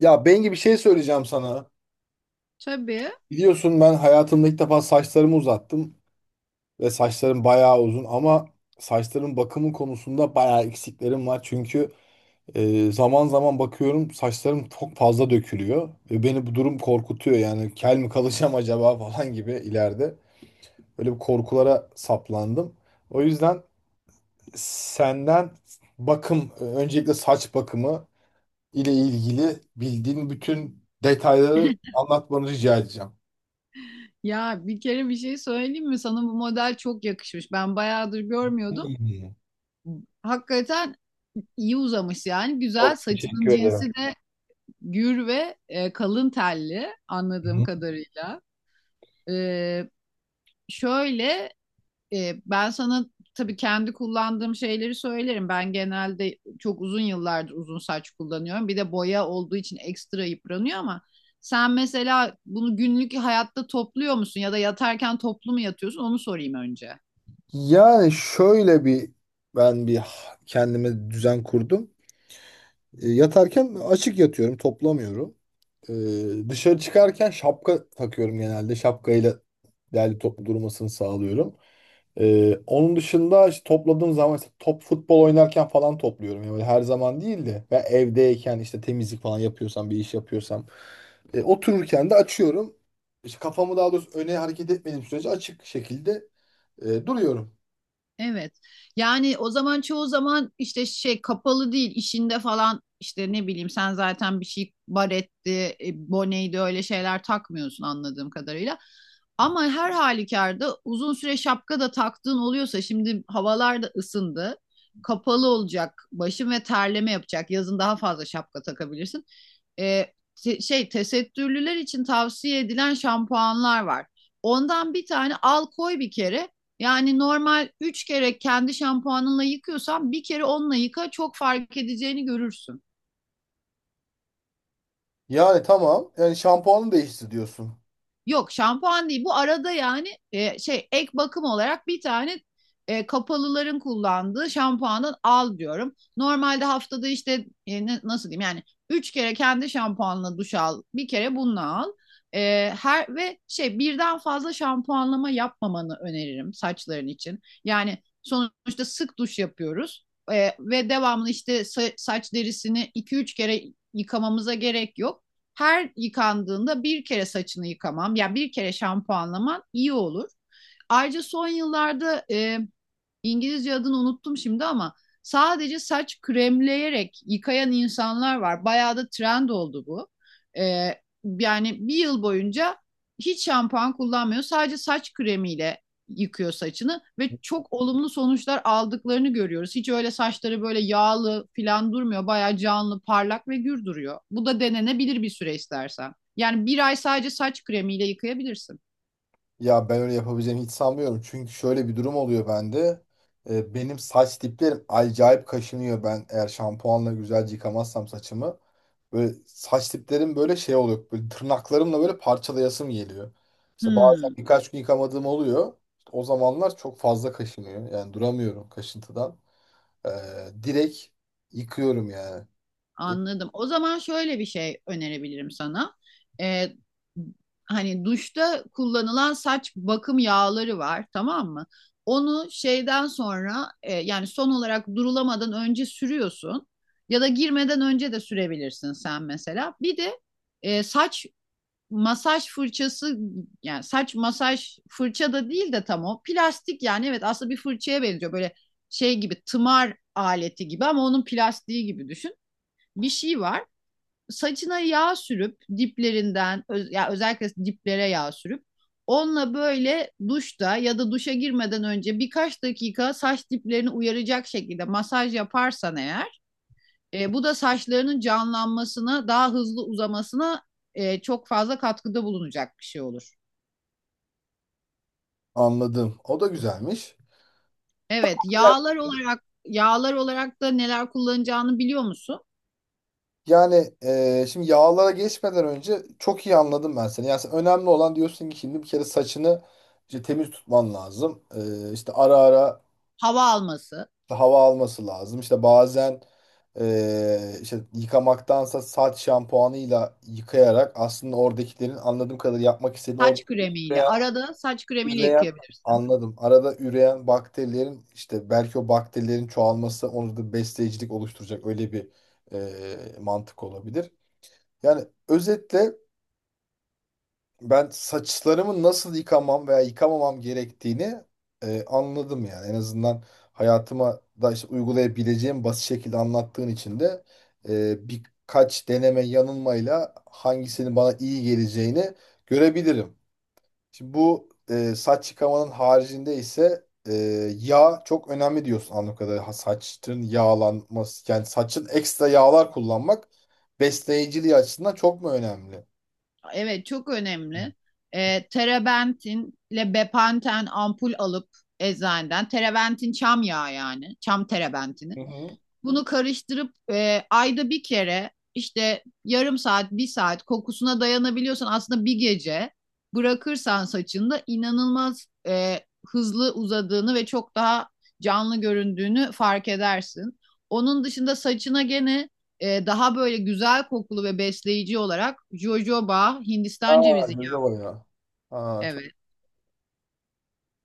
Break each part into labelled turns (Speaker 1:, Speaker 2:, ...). Speaker 1: Ya Bengi bir şey söyleyeceğim sana.
Speaker 2: Tabii.
Speaker 1: Biliyorsun ben hayatımda ilk defa saçlarımı uzattım ve saçlarım bayağı uzun ama saçların bakımı konusunda bayağı eksiklerim var. Çünkü zaman zaman bakıyorum saçlarım çok fazla dökülüyor ve beni bu durum korkutuyor. Yani kel mi kalacağım acaba falan gibi ileride. Böyle bir korkulara saplandım. O yüzden senden bakım, öncelikle saç bakımı ile ilgili bildiğin bütün detayları anlatmanı rica edeceğim.
Speaker 2: Ya bir kere bir şey söyleyeyim mi? Sana bu model çok yakışmış. Ben bayağıdır görmüyordum.
Speaker 1: İyi.
Speaker 2: Hakikaten iyi uzamış yani. Güzel.
Speaker 1: Çok
Speaker 2: Saçının
Speaker 1: teşekkür
Speaker 2: cinsi
Speaker 1: ederim.
Speaker 2: de gür ve kalın telli anladığım
Speaker 1: Hı.
Speaker 2: kadarıyla. E, şöyle Ben sana tabii kendi kullandığım şeyleri söylerim. Ben genelde çok uzun yıllardır uzun saç kullanıyorum. Bir de boya olduğu için ekstra yıpranıyor ama sen mesela bunu günlük hayatta topluyor musun ya da yatarken toplu mu yatıyorsun? Onu sorayım önce.
Speaker 1: Yani şöyle bir ben kendime düzen kurdum. Yatarken açık yatıyorum, toplamıyorum. Dışarı çıkarken şapka takıyorum genelde. Şapkayla derli toplu durmasını sağlıyorum. Onun dışında işte topladığım zaman işte top futbol oynarken falan topluyorum. Yani böyle her zaman değil de ve evdeyken işte temizlik falan yapıyorsam bir iş yapıyorsam otururken de açıyorum. İşte kafamı daha doğrusu öne hareket etmediğim sürece açık şekilde duruyorum.
Speaker 2: Evet. Yani o zaman çoğu zaman işte şey kapalı değil işinde falan işte ne bileyim sen zaten bir şey baretti, boneydi öyle şeyler takmıyorsun anladığım kadarıyla. Ama her halükarda uzun süre şapka da taktığın oluyorsa şimdi havalar da ısındı. Kapalı olacak başın ve terleme yapacak. Yazın daha fazla şapka takabilirsin. E, şey tesettürlüler için tavsiye edilen şampuanlar var. Ondan bir tane al koy bir kere. Yani normal 3 kere kendi şampuanınla yıkıyorsan bir kere onunla yıka çok fark edeceğini görürsün.
Speaker 1: Yani tamam. Yani şampuanı değişti diyorsun.
Speaker 2: Yok şampuan değil. Bu arada yani şey ek bakım olarak bir tane kapalıların kullandığı şampuanı al diyorum. Normalde haftada işte nasıl diyeyim yani üç kere kendi şampuanla duş al. Bir kere bununla al. Her ve şey birden fazla şampuanlama yapmamanı öneririm saçların için. Yani sonuçta sık duş yapıyoruz. Ve devamlı işte saç derisini iki üç kere yıkamamıza gerek yok her yıkandığında bir kere saçını yıkamam, yani bir kere şampuanlaman iyi olur. Ayrıca son yıllarda İngilizce adını unuttum şimdi ama sadece saç kremleyerek yıkayan insanlar var. Bayağı da trend oldu bu. Ee, yani bir yıl boyunca hiç şampuan kullanmıyor. Sadece saç kremiyle yıkıyor saçını ve çok olumlu sonuçlar aldıklarını görüyoruz. Hiç öyle saçları böyle yağlı falan durmuyor. Bayağı canlı, parlak ve gür duruyor. Bu da denenebilir bir süre istersen. Yani bir ay sadece saç kremiyle yıkayabilirsin.
Speaker 1: Ya ben öyle yapabileceğimi hiç sanmıyorum. Çünkü şöyle bir durum oluyor bende. Benim saç diplerim acayip kaşınıyor. Ben eğer şampuanla güzelce yıkamazsam saçımı. Böyle saç diplerim böyle şey oluyor. Böyle tırnaklarımla böyle parçalayasım geliyor. İşte bazen
Speaker 2: Hmm.
Speaker 1: birkaç gün yıkamadığım oluyor. İşte o zamanlar çok fazla kaşınıyor. Yani duramıyorum kaşıntıdan. Direkt yıkıyorum yani. E,
Speaker 2: Anladım. O zaman şöyle bir şey önerebilirim sana. Ee, hani duşta kullanılan saç bakım yağları var, tamam mı? Onu şeyden sonra yani son olarak durulamadan önce sürüyorsun ya da girmeden önce de sürebilirsin sen mesela. Bir de saç masaj fırçası yani saç masaj fırça da değil de tam o plastik yani evet aslında bir fırçaya benziyor böyle şey gibi tımar aleti gibi ama onun plastiği gibi düşün bir şey var. Saçına yağ sürüp diplerinden ya özellikle diplere yağ sürüp onunla böyle duşta ya da duşa girmeden önce birkaç dakika saç diplerini uyaracak şekilde masaj yaparsan eğer bu da saçlarının canlanmasına daha hızlı uzamasına çok fazla katkıda bulunacak bir şey olur.
Speaker 1: Anladım. O da güzelmiş.
Speaker 2: Evet, yağlar olarak da neler kullanacağını biliyor musun?
Speaker 1: Yani şimdi yağlara geçmeden önce çok iyi anladım ben seni. Yani sen önemli olan diyorsun ki şimdi bir kere saçını işte temiz tutman lazım. İşte ara ara
Speaker 2: Hava alması,
Speaker 1: işte hava alması lazım. İşte bazen işte yıkamaktansa saç şampuanıyla yıkayarak aslında oradakilerin anladığım kadarıyla yapmak istediğin orada
Speaker 2: saç kremiyle
Speaker 1: üreyen,
Speaker 2: arada saç kremiyle
Speaker 1: üreyen
Speaker 2: yıkayabilirsin.
Speaker 1: anladım. Arada üreyen bakterilerin işte belki o bakterilerin çoğalması onu da besleyicilik oluşturacak öyle bir mantık olabilir. Yani özetle ben saçlarımı nasıl yıkamam veya yıkamamam gerektiğini anladım yani. En azından hayatıma da işte uygulayabileceğim basit şekilde anlattığın için de birkaç deneme yanılmayla hangisinin bana iyi geleceğini görebilirim. Şimdi bu saç yıkamanın haricinde ise yağ çok önemli diyorsun anladığım kadarıyla. Ha, saçın yağlanması yani saçın ekstra yağlar kullanmak besleyiciliği açısından çok mu önemli?
Speaker 2: Evet çok önemli. Terebentinle bepanten ampul alıp eczaneden. Terebentin çam yağı yani. Çam terebentini.
Speaker 1: Hı hı.
Speaker 2: Bunu karıştırıp ayda bir kere işte yarım saat, bir saat kokusuna dayanabiliyorsan aslında bir gece bırakırsan saçında inanılmaz hızlı uzadığını ve çok daha canlı göründüğünü fark edersin. Onun dışında saçına gene daha böyle güzel kokulu ve besleyici olarak jojoba, Hindistan
Speaker 1: Aa,
Speaker 2: cevizi
Speaker 1: jojoba
Speaker 2: yağı.
Speaker 1: ya. Aa, çok...
Speaker 2: Evet,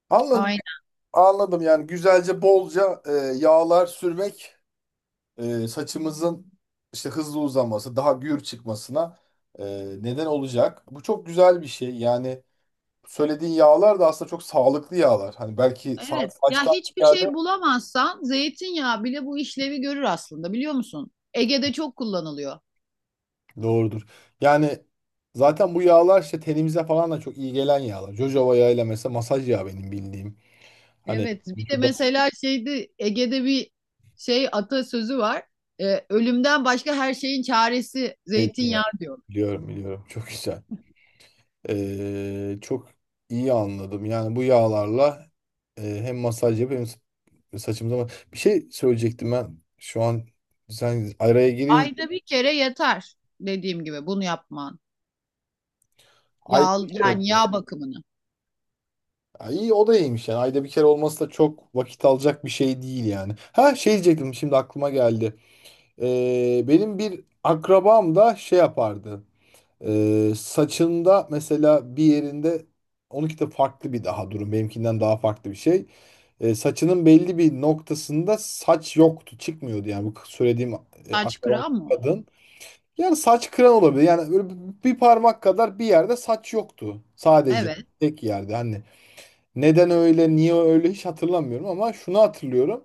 Speaker 1: Anladım,
Speaker 2: aynen.
Speaker 1: anladım. Yani güzelce, bolca yağlar sürmek saçımızın işte hızlı uzaması, daha gür çıkmasına e, neden olacak. Bu çok güzel bir şey. Yani söylediğin yağlar da aslında çok sağlıklı yağlar. Hani belki
Speaker 2: Evet. Ya
Speaker 1: saçtan
Speaker 2: hiçbir
Speaker 1: geldi.
Speaker 2: şey bulamazsan zeytinyağı bile bu işlevi görür aslında biliyor musun? Ege'de çok kullanılıyor.
Speaker 1: Doğrudur. Yani zaten bu yağlar işte tenimize falan da çok iyi gelen yağlar. Jojoba yağıyla mesela masaj yağı benim bildiğim. Hani
Speaker 2: Evet, bir de
Speaker 1: vücuda
Speaker 2: mesela şeydi Ege'de bir şey atasözü var. Ölümden başka her şeyin çaresi zeytinyağı
Speaker 1: zeytinyağı.
Speaker 2: diyor.
Speaker 1: Biliyorum, biliyorum. Çok güzel. Çok iyi anladım. Yani bu yağlarla hem masaj yapıp hem saçımıza bir şey söyleyecektim ben. Şu an sen araya girince
Speaker 2: Ayda bir kere yeter dediğim gibi bunu yapman.
Speaker 1: ayda
Speaker 2: Yağ
Speaker 1: bir kere.
Speaker 2: yani
Speaker 1: Mi?
Speaker 2: yağ bakımını.
Speaker 1: Ha, İyi o da iyiymiş yani. Ayda bir kere olması da çok vakit alacak bir şey değil yani. Ha şey diyecektim şimdi aklıma geldi. Benim bir akrabam da şey yapardı. Saçında mesela bir yerinde onunki de farklı bir daha durum. Benimkinden daha farklı bir şey. Saçının belli bir noktasında saç yoktu. Çıkmıyordu yani bu söylediğim
Speaker 2: Saç
Speaker 1: akrabam
Speaker 2: kıran mı?
Speaker 1: kadın. Yani saç kıran olabilir. Yani böyle bir parmak kadar bir yerde saç yoktu. Sadece
Speaker 2: Evet.
Speaker 1: tek yerde. Hani neden öyle, niye öyle hiç hatırlamıyorum ama şunu hatırlıyorum.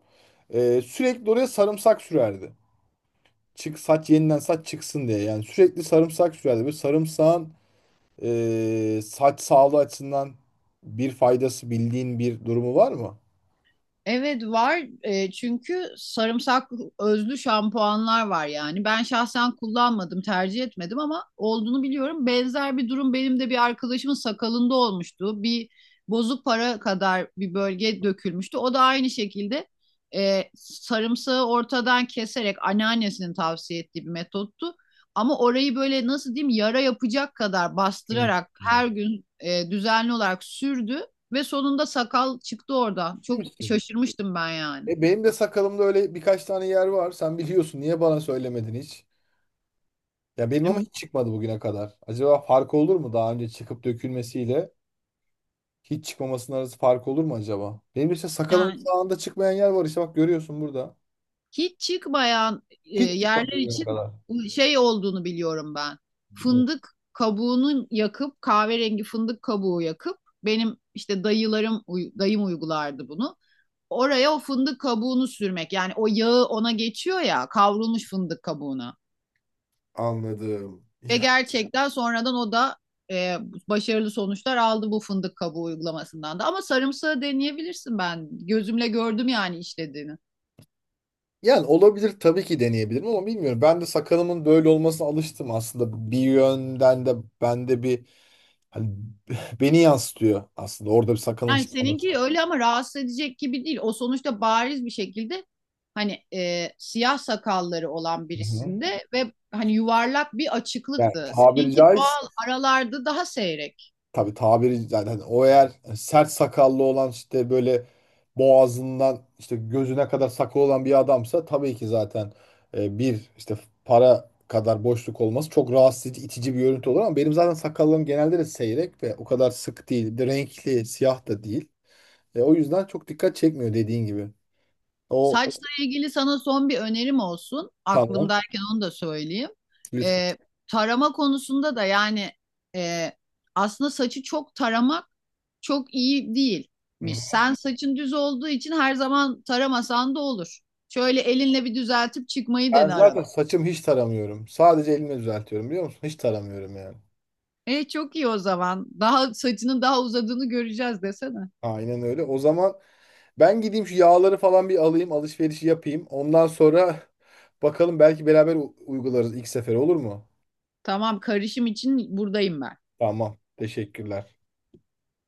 Speaker 1: Sürekli oraya sarımsak sürerdi. Çık saç yeniden saç çıksın diye. Yani sürekli sarımsak sürerdi. Böyle sarımsağın saç sağlığı açısından bir faydası bildiğin bir durumu var mı?
Speaker 2: Evet var. Çünkü sarımsak özlü şampuanlar var yani. Ben şahsen kullanmadım, tercih etmedim ama olduğunu biliyorum. Benzer bir durum benim de bir arkadaşımın sakalında olmuştu. Bir bozuk para kadar bir bölge dökülmüştü. O da aynı şekilde sarımsağı ortadan keserek anneannesinin tavsiye ettiği bir metottu. Ama orayı böyle nasıl diyeyim yara yapacak kadar
Speaker 1: Evet.
Speaker 2: bastırarak
Speaker 1: Evet.
Speaker 2: her gün düzenli olarak sürdü. Ve sonunda sakal çıktı oradan.
Speaker 1: Değil
Speaker 2: Çok
Speaker 1: misin?
Speaker 2: şaşırmıştım ben yani.
Speaker 1: Benim de sakalımda öyle birkaç tane yer var. Sen biliyorsun. Niye bana söylemedin hiç? Ya benim ama hiç çıkmadı bugüne kadar. Acaba fark olur mu daha önce çıkıp dökülmesiyle hiç çıkmamasının arası fark olur mu acaba? Benim işte sakalımın
Speaker 2: Yani
Speaker 1: sağında çıkmayan yer var işte bak görüyorsun burada.
Speaker 2: hiç çıkmayan
Speaker 1: Hiç çıkmadı
Speaker 2: yerler
Speaker 1: bugüne
Speaker 2: için
Speaker 1: kadar.
Speaker 2: bu şey olduğunu biliyorum ben.
Speaker 1: Evet.
Speaker 2: Fındık kabuğunu yakıp kahverengi fındık kabuğu yakıp benim işte dayım uygulardı bunu. Oraya o fındık kabuğunu sürmek. Yani o yağı ona geçiyor ya kavrulmuş fındık kabuğuna.
Speaker 1: Anladım.
Speaker 2: Ve gerçekten sonradan o da e, başarılı sonuçlar aldı bu fındık kabuğu uygulamasından da. Ama sarımsağı deneyebilirsin ben. Gözümle gördüm yani işlediğini.
Speaker 1: Yani olabilir tabii ki deneyebilirim ama bilmiyorum. Ben de sakalımın böyle olmasına alıştım aslında. Bir yönden de bende bir hani beni yansıtıyor aslında. Orada bir sakalın
Speaker 2: Yani
Speaker 1: çıkması.
Speaker 2: seninki öyle ama rahatsız edecek gibi değil. O sonuçta bariz bir şekilde hani siyah sakalları olan
Speaker 1: Hı hı.
Speaker 2: birisinde ve hani yuvarlak bir
Speaker 1: Yani
Speaker 2: açıklıktı.
Speaker 1: tabiri
Speaker 2: Seninki
Speaker 1: caizse
Speaker 2: doğal aralarda daha seyrek.
Speaker 1: tabii tabiri yani hani o eğer sert sakallı olan işte böyle boğazından işte gözüne kadar sakal olan bir adamsa tabii ki zaten bir işte para kadar boşluk olması çok rahatsız edici, itici bir görüntü olur ama benim zaten sakallarım genelde de seyrek ve o kadar sık değil. Bir de renkli, siyah da değil. O yüzden çok dikkat çekmiyor dediğin gibi. O o-
Speaker 2: Saçla ilgili sana son bir önerim olsun.
Speaker 1: tamam,
Speaker 2: Aklımdayken onu da söyleyeyim.
Speaker 1: lütfen.
Speaker 2: Ee, tarama konusunda da yani e, aslında saçı çok taramak çok iyi
Speaker 1: Hı
Speaker 2: değilmiş.
Speaker 1: hı.
Speaker 2: Sen saçın düz olduğu için her zaman taramasan da olur. Şöyle elinle bir düzeltip çıkmayı
Speaker 1: Ben
Speaker 2: dene arada.
Speaker 1: zaten saçım hiç taramıyorum. Sadece elimi düzeltiyorum biliyor musun? Hiç taramıyorum yani.
Speaker 2: E çok iyi o zaman. Saçının daha uzadığını göreceğiz desene.
Speaker 1: Aynen öyle. O zaman ben gideyim şu yağları falan bir alayım, alışverişi yapayım. Ondan sonra bakalım belki beraber uygularız ilk sefer olur mu?
Speaker 2: Tamam karışım için buradayım ben.
Speaker 1: Tamam. Teşekkürler.